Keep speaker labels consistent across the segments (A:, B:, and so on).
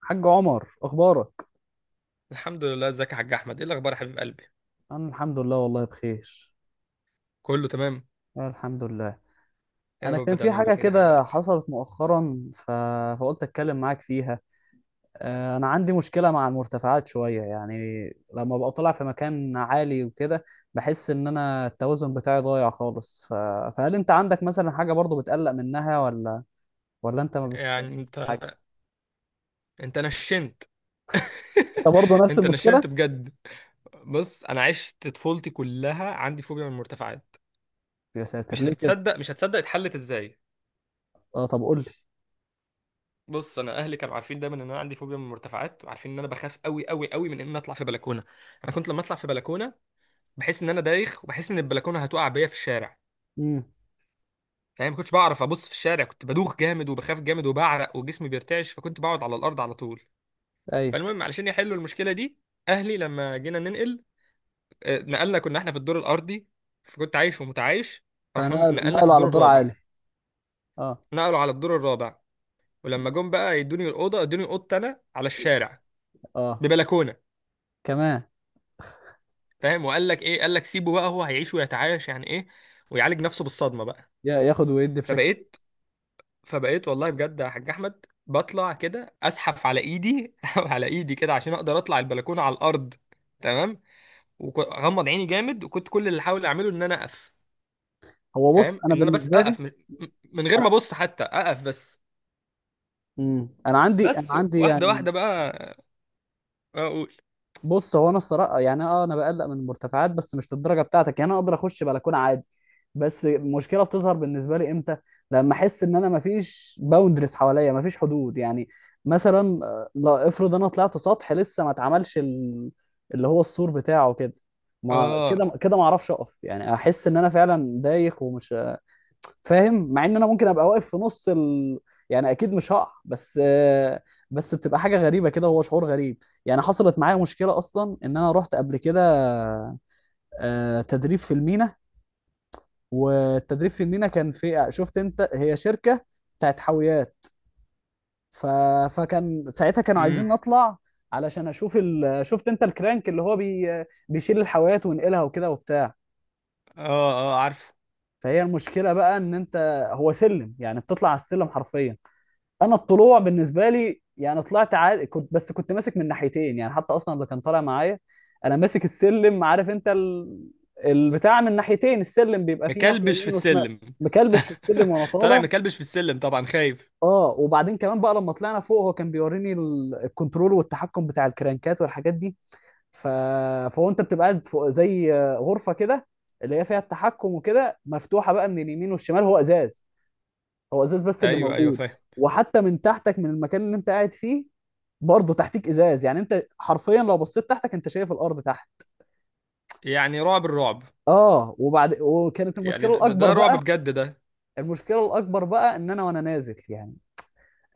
A: حاج عمر، اخبارك؟
B: الحمد لله، ازيك يا حاج احمد؟ ايه الاخبار يا حبيب قلبي؟
A: انا الحمد لله، والله بخير.
B: كله تمام.
A: أنا الحمد لله.
B: يا
A: انا
B: رب
A: كان في
B: دايما
A: حاجه
B: بخير يا حبيب
A: كده
B: قلبي.
A: حصلت مؤخرا فقلت اتكلم معاك فيها. انا عندي مشكله مع المرتفعات شويه، يعني لما ببقى طالع في مكان عالي وكده بحس ان انا التوازن بتاعي ضايع خالص، فهل انت عندك مثلا حاجه برضو بتقلق منها، ولا انت ما بت...
B: يعني انت
A: حاجة؟
B: انت نشنت.
A: انت برضو نفس
B: انت نشنت
A: المشكله؟
B: بجد. بص، انا عشت طفولتي كلها عندي فوبيا من المرتفعات.
A: يا ساتر،
B: مش
A: ليه كده؟
B: هتصدق، مش هتصدق اتحلت ازاي!
A: اه، طب قول لي.
B: بص، انا اهلي كانوا عارفين دايما ان انا عندي فوبيا من المرتفعات، وعارفين ان انا بخاف قوي قوي قوي من ان انا اطلع في بلكونه. انا كنت لما اطلع في بلكونه بحس ان انا دايخ، وبحس ان البلكونه هتقع بيا في الشارع.
A: امم.
B: يعني ما كنتش بعرف ابص في الشارع، كنت بدوخ جامد وبخاف جامد وبعرق وجسمي بيرتعش، فكنت بقعد على الارض على طول.
A: ايوه.
B: فالمهم، علشان يحلوا المشكله دي، اهلي لما جينا ننقل، نقلنا، كنا احنا في الدور الارضي، فكنت عايش ومتعايش. راحوا نقلنا في
A: نقلوا على
B: الدور
A: دور
B: الرابع.
A: عالي؟ اه
B: نقلوا على الدور الرابع، ولما جم بقى يدوني الاوضه، ادوني اوضتي انا على الشارع
A: اه.
B: ببلكونه.
A: كمان؟
B: فاهم؟ وقال لك ايه؟ قال لك سيبه بقى، هو هيعيش ويتعايش، يعني ايه، ويعالج نفسه بالصدمه بقى.
A: ياخد ويدي بشكل.
B: فبقيت فبقيت والله، بجد يا حاج احمد، بطلع كده اسحف على ايدي، على ايدي كده عشان اقدر اطلع البلكونه على الارض. تمام. وغمض عيني جامد، وكنت كل اللي احاول اعمله ان انا اقف.
A: هو
B: فاهم؟
A: بص، انا
B: ان انا بس
A: بالنسبه لي
B: اقف من غير ما
A: انا.
B: ابص، حتى اقف بس.
A: مم. انا عندي انا
B: بس
A: عندي
B: واحده
A: يعني،
B: واحده بقى، اقول.
A: بص هو انا الصراحه يعني، اه انا بقلق من المرتفعات، بس مش للدرجه بتاعتك يعني. انا اقدر اخش بلكونه عادي، بس المشكله بتظهر بالنسبه لي امتى؟ لما احس ان انا مفيش باوندرز حواليا، مفيش حدود يعني. مثلا لا، افرض انا طلعت سطح لسه ما اتعملش اللي هو السور بتاعه كده، ما
B: اه.
A: كده كده ما اعرفش اقف، يعني احس ان انا فعلا دايخ ومش فاهم، مع ان انا ممكن ابقى واقف في نص يعني اكيد مش هقع، بس بس بتبقى حاجه غريبه كده، هو شعور غريب يعني. حصلت معايا مشكله اصلا، ان انا رحت قبل كده تدريب في المينا، والتدريب في المينا كان في، شفت انت، هي شركه بتاعت حاويات، ف... فكان ساعتها كانوا عايزين
B: امم.
A: نطلع علشان اشوف شفت انت الكرانك اللي هو بيشيل الحاويات وينقلها وكده وبتاع.
B: اه، اه، عارفه.
A: فهي المشكله بقى، ان انت، هو سلم يعني، بتطلع على السلم حرفيا. انا الطلوع بالنسبه لي يعني طلعت عادي، كنت بس كنت ماسك من ناحيتين يعني، حتى اصلا اللي كان طالع معايا، انا ماسك السلم، عارف انت البتاع، من ناحيتين، السلم بيبقى فيه ناحيه
B: مكلبش في
A: يمين وشمال،
B: السلم.
A: مكلبش في السلم وانا
B: طالع
A: طالع.
B: مكلبش في السلم طبعا، خايف.
A: اه، وبعدين كمان بقى لما طلعنا فوق، هو كان بيوريني الكنترول والتحكم بتاع الكرانكات والحاجات دي، ف... فهو انت بتبقى قاعد فوق زي غرفه كده، اللي هي فيها التحكم وكده، مفتوحه بقى من اليمين والشمال، هو ازاز، هو ازاز بس اللي
B: ايوه، ايوه،
A: موجود.
B: فاهم.
A: وحتى من تحتك، من المكان اللي انت قاعد فيه، برضه تحتيك ازاز، يعني انت حرفيا لو بصيت تحتك انت شايف الارض تحت.
B: يعني رعب، الرعب.
A: اه، وبعد وكانت
B: يعني
A: المشكله
B: ده, ده
A: الاكبر
B: ده رعب
A: بقى،
B: بجد ده.
A: المشكله الاكبر بقى ان انا وانا نازل يعني،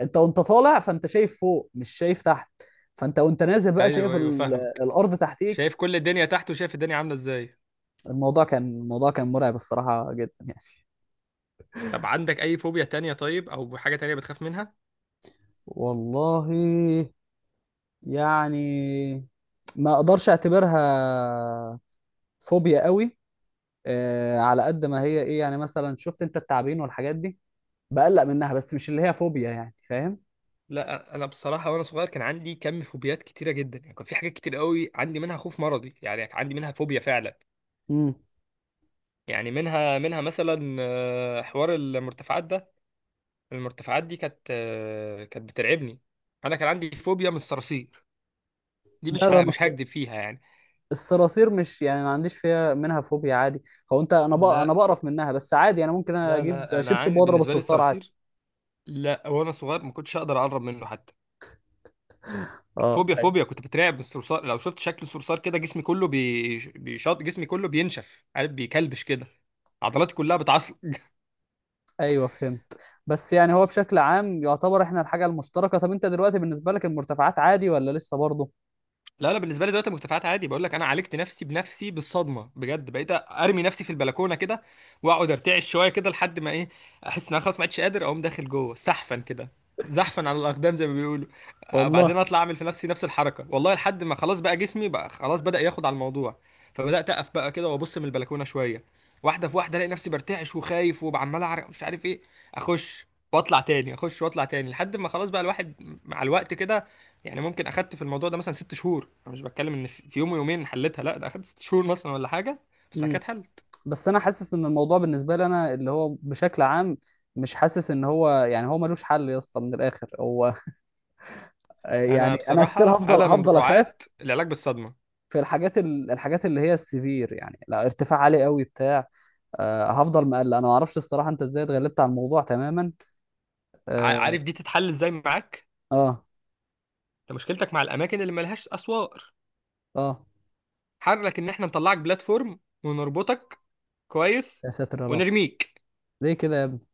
A: انت وانت طالع فانت شايف فوق مش شايف تحت، فانت وانت نازل بقى
B: ايوه،
A: شايف
B: ايوه، فاهمك.
A: الارض تحتيك.
B: شايف كل الدنيا تحت، وشايف الدنيا عاملة ازاي.
A: الموضوع كان مرعب الصراحه، جدا يعني.
B: طب عندك اي فوبيا تانية؟ طيب، او حاجة تانية بتخاف منها؟
A: والله يعني، ما اقدرش اعتبرها فوبيا قوي، على قد ما هي ايه يعني، مثلا شفت انت التعابين والحاجات دي، بقلق منها بس مش اللي هي فوبيا يعني، فاهم؟
B: لا، انا بصراحة وانا صغير كان عندي كم فوبيات كتيرة جدا، يعني كان في حاجات كتير قوي عندي منها خوف مرضي، يعني عندي منها فوبيا فعلا.
A: امم.
B: يعني منها مثلا، حوار المرتفعات ده. المرتفعات دي كانت بترعبني. انا كان عندي فوبيا من الصراصير. دي
A: لا، ده أنا
B: مش هكدب فيها يعني.
A: الصراصير مش يعني، ما عنديش فيها، منها فوبيا عادي، هو انت، انا
B: لا،
A: بقرف منها بس عادي، انا ممكن
B: لا،
A: اجيب
B: لا، انا
A: شبشب
B: عندي
A: واضرب
B: بالنسبة لي
A: الصرصار عادي.
B: الصراصير، لا وانا صغير ما كنتش اقدر اقرب منه حتى. كانت
A: اه
B: فوبيا
A: أي-
B: فوبيا كنت بترعب من الصرصار. لو شفت شكل الصرصار كده جسمي كله بيشط، جسمي كله بينشف، عارف بيكلبش كده، عضلاتي كلها بتعصب.
A: ايوه، فهمت. بس يعني هو بشكل عام يعتبر احنا الحاجه المشتركه. طب انت دلوقتي بالنسبه لك المرتفعات عادي، ولا لسه برضه؟
B: لا، لا، بالنسبه لي دلوقتي المرتفعات عادي. بقول لك انا عالجت نفسي بنفسي بالصدمه بجد، بقيت ارمي نفسي في البلكونه كده، واقعد ارتعش شويه كده لحد ما ايه، احس ان انا خلاص ما عدتش قادر اقوم، داخل جوه سحفا كده، زحفا على الاقدام زي ما بيقولوا. بعدين
A: والله.
B: اطلع اعمل في نفسي نفس الحركه، والله لحد ما خلاص بقى جسمي بقى خلاص بدا ياخد على الموضوع. فبدات اقف بقى كده وابص من البلكونه شويه، واحده في واحده الاقي نفسي برتعش وخايف وعمال اعرق مش عارف ايه، اخش واطلع تاني، اخش واطلع تاني، لحد ما خلاص بقى الواحد مع الوقت كده. يعني ممكن اخدت في الموضوع ده مثلا 6 شهور، انا مش بتكلم ان في يوم ويومين حلتها، لا ده اخدت 6 شهور مثلا ولا حاجه، بس بعد كده
A: امم.
B: اتحلت.
A: بس انا حاسس ان الموضوع بالنسبه لي انا اللي هو بشكل عام، مش حاسس ان هو يعني، هو ملوش حل يا اسطى من الاخر هو.
B: انا
A: يعني انا ستيل
B: بصراحه
A: هفضل
B: انا من
A: هفضل اخاف
B: رعاة العلاج بالصدمه.
A: في الحاجات الحاجات اللي هي السيفير يعني، لا ارتفاع عالي قوي بتاع، آه هفضل مقلق. انا ما اعرفش الصراحه انت ازاي اتغلبت على الموضوع تماما. اه.
B: عارف دي تتحل ازاي معاك؟
A: اه.
B: ده مشكلتك مع الاماكن اللي ملهاش اسوار.
A: آه.
B: حرك ان احنا نطلعك بلاتفورم ونربطك. كويس.
A: يا ساتر يا رب،
B: ونرميك.
A: ليه كده يا ابني؟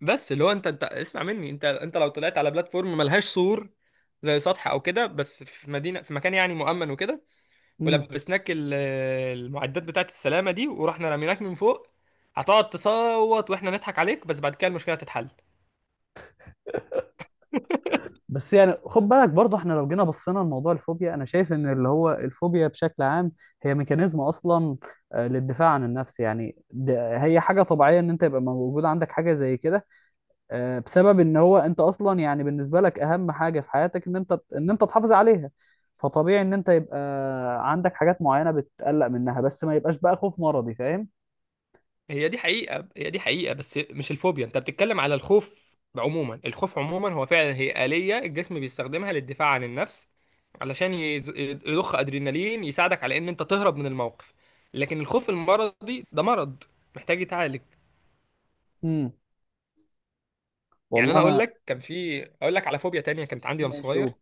B: بس اللي هو، انت اسمع مني، انت لو طلعت على بلاتفورم ملهاش سور، زي سطح او كده، بس في مدينه، في مكان يعني مؤمن وكده،
A: مم.
B: ولبسناك المعدات بتاعت السلامة دي، ورحنا رميناك من فوق، هتقعد تصوت واحنا نضحك عليك، بس بعد كده المشكلة هتتحل.
A: بس يعني خد بالك برضه، احنا لو جينا بصينا لموضوع الفوبيا، انا شايف ان اللي هو الفوبيا بشكل عام هي ميكانيزم اصلا، للدفاع عن النفس يعني. ده هي حاجه طبيعيه ان انت يبقى موجود عندك حاجه زي كده، بسبب ان هو انت اصلا يعني بالنسبه لك اهم حاجه في حياتك ان انت، ان انت تحافظ عليها. فطبيعي ان انت يبقى عندك حاجات معينه بتقلق منها، بس ما يبقاش بقى خوف مرضي، فاهم؟
B: هي دي حقيقة، هي دي حقيقة، بس مش الفوبيا. انت بتتكلم على الخوف عموما. الخوف عموما هو فعلا هي آلية الجسم بيستخدمها للدفاع عن النفس، علشان يضخ أدرينالين، يساعدك على ان انت تهرب من الموقف. لكن الخوف المرضي ده مرض، محتاج يتعالج.
A: امم.
B: يعني
A: والله
B: انا اقول
A: انا.
B: لك، كان في اقول لك على فوبيا تانية كانت عندي وانا
A: ماشي.
B: صغير:
A: أوه.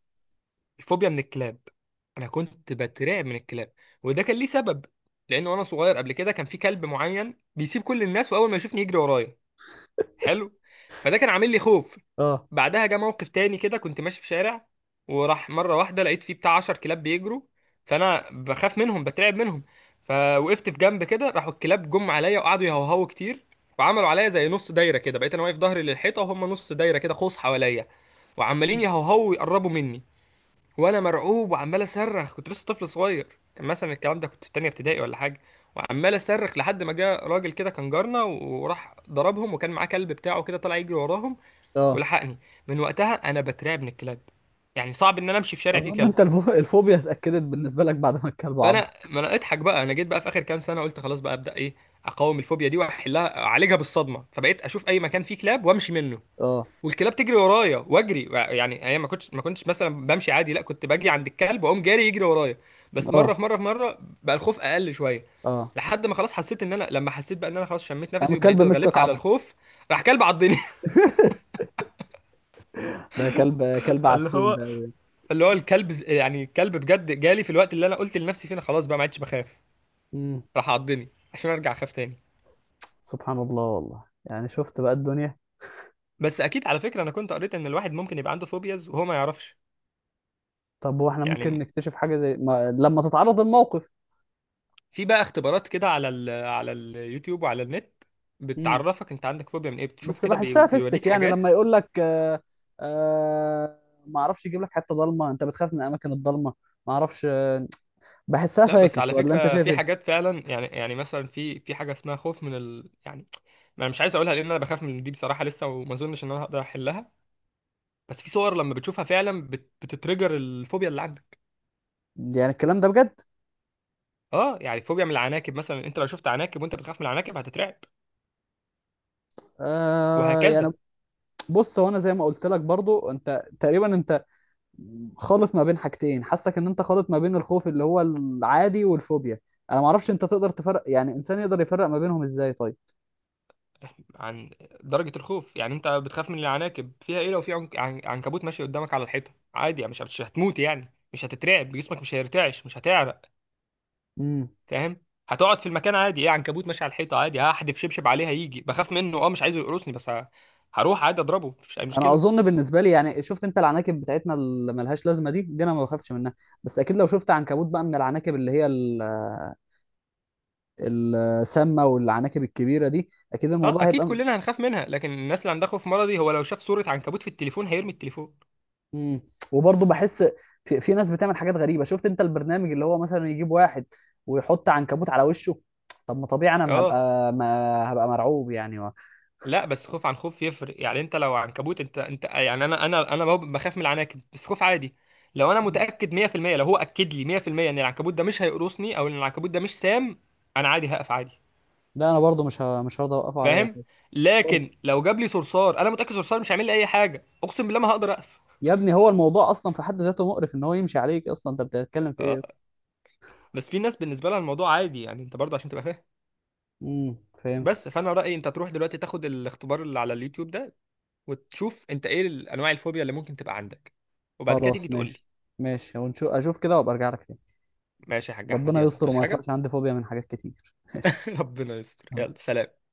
B: الفوبيا من الكلاب. انا كنت بترعب من الكلاب، وده كان ليه سبب، لانه وانا صغير قبل كده كان في كلب معين بيسيب كل الناس واول ما يشوفني يجري ورايا. حلو. فده كان عامل لي خوف.
A: اه
B: بعدها جه موقف تاني كده، كنت ماشي في شارع، وراح مره واحده لقيت فيه بتاع 10 كلاب بيجروا، فانا بخاف منهم بترعب منهم، فوقفت في جنب كده، راحوا الكلاب جم عليا وقعدوا يهوهوا كتير، وعملوا عليا زي نص دايره كده، بقيت انا واقف ظهري للحيطه وهم نص دايره كده قوس حواليا، وعمالين يهوهوا ويقربوا مني، وانا مرعوب وعمال اصرخ، كنت لسه طفل صغير، كان مثلا الكلام ده كنت في تانية ابتدائي ولا حاجه، وعمال اصرخ لحد ما جه راجل كده كان جارنا، وراح ضربهم، وكان معاه كلب بتاعه كده طلع يجري وراهم
A: اه.
B: ولحقني. من وقتها انا بترعب من الكلاب، يعني صعب ان انا امشي في شارع فيه
A: اظن
B: كلب.
A: انت الفوبيا اتاكدت بالنسبه لك بعد ما الكلب عض.
B: فانا، ما انا اضحك بقى، انا جيت بقى في اخر كام سنه قلت خلاص بقى ابدا ايه، اقاوم الفوبيا دي واحلها، اعالجها بالصدمه، فبقيت اشوف اي مكان فيه كلاب وامشي منه،
A: اه
B: والكلاب تجري ورايا واجري، يعني هي ما كنتش مثلا بمشي عادي، لا كنت باجي عند الكلب واقوم جاري يجري ورايا، بس مره في
A: اه.
B: مره في مره بقى الخوف اقل شويه،
A: اه،
B: لحد ما خلاص حسيت ان انا، لما حسيت بقى ان انا خلاص شميت
A: قام
B: نفسي وبقيت
A: الكلب مسكك
B: اتغلبت على
A: عض؟
B: الخوف، راح كلب عضني!
A: ده كلب، كلب
B: فاللي
A: عسول
B: هو
A: ده.
B: اللي هو الكلب، يعني الكلب بجد جالي في الوقت اللي انا قلت لنفسي فيه انا خلاص بقى ما عدتش بخاف،
A: امم.
B: راح عضني عشان ارجع اخاف تاني.
A: سبحان الله، والله يعني شفت بقى الدنيا.
B: بس اكيد على فكره، انا كنت قريت ان الواحد ممكن يبقى عنده فوبياز وهو ما يعرفش.
A: طب واحنا ممكن
B: يعني
A: نكتشف حاجه زي ما... لما تتعرض الموقف؟
B: في بقى اختبارات كده على على اليوتيوب وعلى النت،
A: امم.
B: بتعرفك انت عندك فوبيا من ايه، بتشوف
A: بس
B: كده
A: بحسها فيستك،
B: بيوريك
A: يعني لما
B: حاجات.
A: يقول لك آه، آه، ما اعرفش، يجيب لك حته ضلمه، انت بتخاف من الاماكن الضلمه، ما اعرفش، آه، بحسها
B: لا بس
A: فاكس،
B: على
A: ولا انت
B: فكرة
A: شايف
B: في
A: ايه؟
B: حاجات فعلا، يعني مثلا في حاجة اسمها خوف من ال يعني، ما انا مش عايز اقولها، لان انا بخاف من دي بصراحة لسه، وما اظنش ان انا هقدر احلها. بس في صور لما بتشوفها فعلا بتترجر الفوبيا اللي عندك.
A: يعني الكلام ده بجد؟
B: اه يعني فوبيا من العناكب مثلا، انت لو شفت عناكب وانت بتخاف من العناكب هتترعب،
A: آه، يعني
B: وهكذا.
A: بص هو انا زي ما قلت لك برضو، انت تقريبا انت خالط ما بين حاجتين، حاسك ان انت خالط ما بين الخوف اللي هو العادي والفوبيا. انا ما اعرفش، انت تقدر تفرق، يعني انسان يقدر يفرق ما بينهم ازاي، طيب؟
B: عن درجة الخوف. يعني انت بتخاف من العناكب فيها ايه، لو في عنكبوت ماشي قدامك على الحيطة عادي، يعني مش هتموت، يعني مش هتترعب، جسمك مش هيرتعش، مش هتعرق.
A: امم.
B: فاهم؟ هتقعد في المكان عادي، ايه عنكبوت ماشي على الحيطة، عادي هحدف شبشب عليه هيجي، بخاف منه اه مش عايزه يقرصني، بس هروح عادي اضربه، مفيش اي
A: انا
B: مشكلة.
A: اظن بالنسبه لي يعني، شفت انت العناكب بتاعتنا اللي ملهاش لازمه دي، انا ما بخافش منها، بس اكيد لو شفت عنكبوت بقى من العناكب اللي هي السامه والعناكب الكبيره دي، اكيد
B: اه
A: الموضوع
B: اكيد
A: هيبقى.
B: كلنا هنخاف منها، لكن الناس اللي عندها خوف مرضي هو لو شاف صورة عنكبوت في التليفون هيرمي التليفون.
A: امم. وبرضه بحس، في ناس بتعمل حاجات غريبه، شفت انت البرنامج اللي هو مثلا يجيب واحد ويحط عنكبوت على وشه؟ طب ما طبيعي انا ما
B: اه
A: هبقى ما هبقى مرعوب يعني
B: لا، بس خوف عن خوف يفرق، يعني انت لو عنكبوت انت يعني، انا بخاف من العناكب بس خوف عادي. لو انا متاكد 100%، لو هو اكد لي 100% ان العنكبوت ده مش هيقرصني، او ان العنكبوت ده مش سام، انا عادي هقف عادي.
A: لا انا برضه مش هرضى اوقفه عليا.
B: فاهم؟ لكن
A: برضه
B: لو جاب لي صرصار انا متاكد صرصار مش هيعمل لي اي حاجه، اقسم بالله ما هقدر اقف.
A: يا ابني، هو الموضوع اصلا في حد ذاته مقرف ان هو يمشي عليك اصلا، انت بتتكلم في ايه؟
B: اه، بس في ناس بالنسبه لها الموضوع عادي يعني، انت برضه عشان تبقى فاهم.
A: امم، فهمت.
B: بس فانا رايي انت تروح دلوقتي تاخد الاختبار اللي على اليوتيوب ده، وتشوف انت ايه انواع الفوبيا اللي ممكن تبقى عندك، وبعد كده تيجي
A: خلاص،
B: تقول لي.
A: ماشي. ماشي اشوف كده وابقى ارجع لك تاني.
B: ماشي يا حاج احمد،
A: ربنا
B: يلا،
A: يستر
B: هتوس
A: وما
B: حاجه؟
A: يطلعش عندي فوبيا من حاجات كتير. ماشي.
B: ربنا يستر، يلا سلام.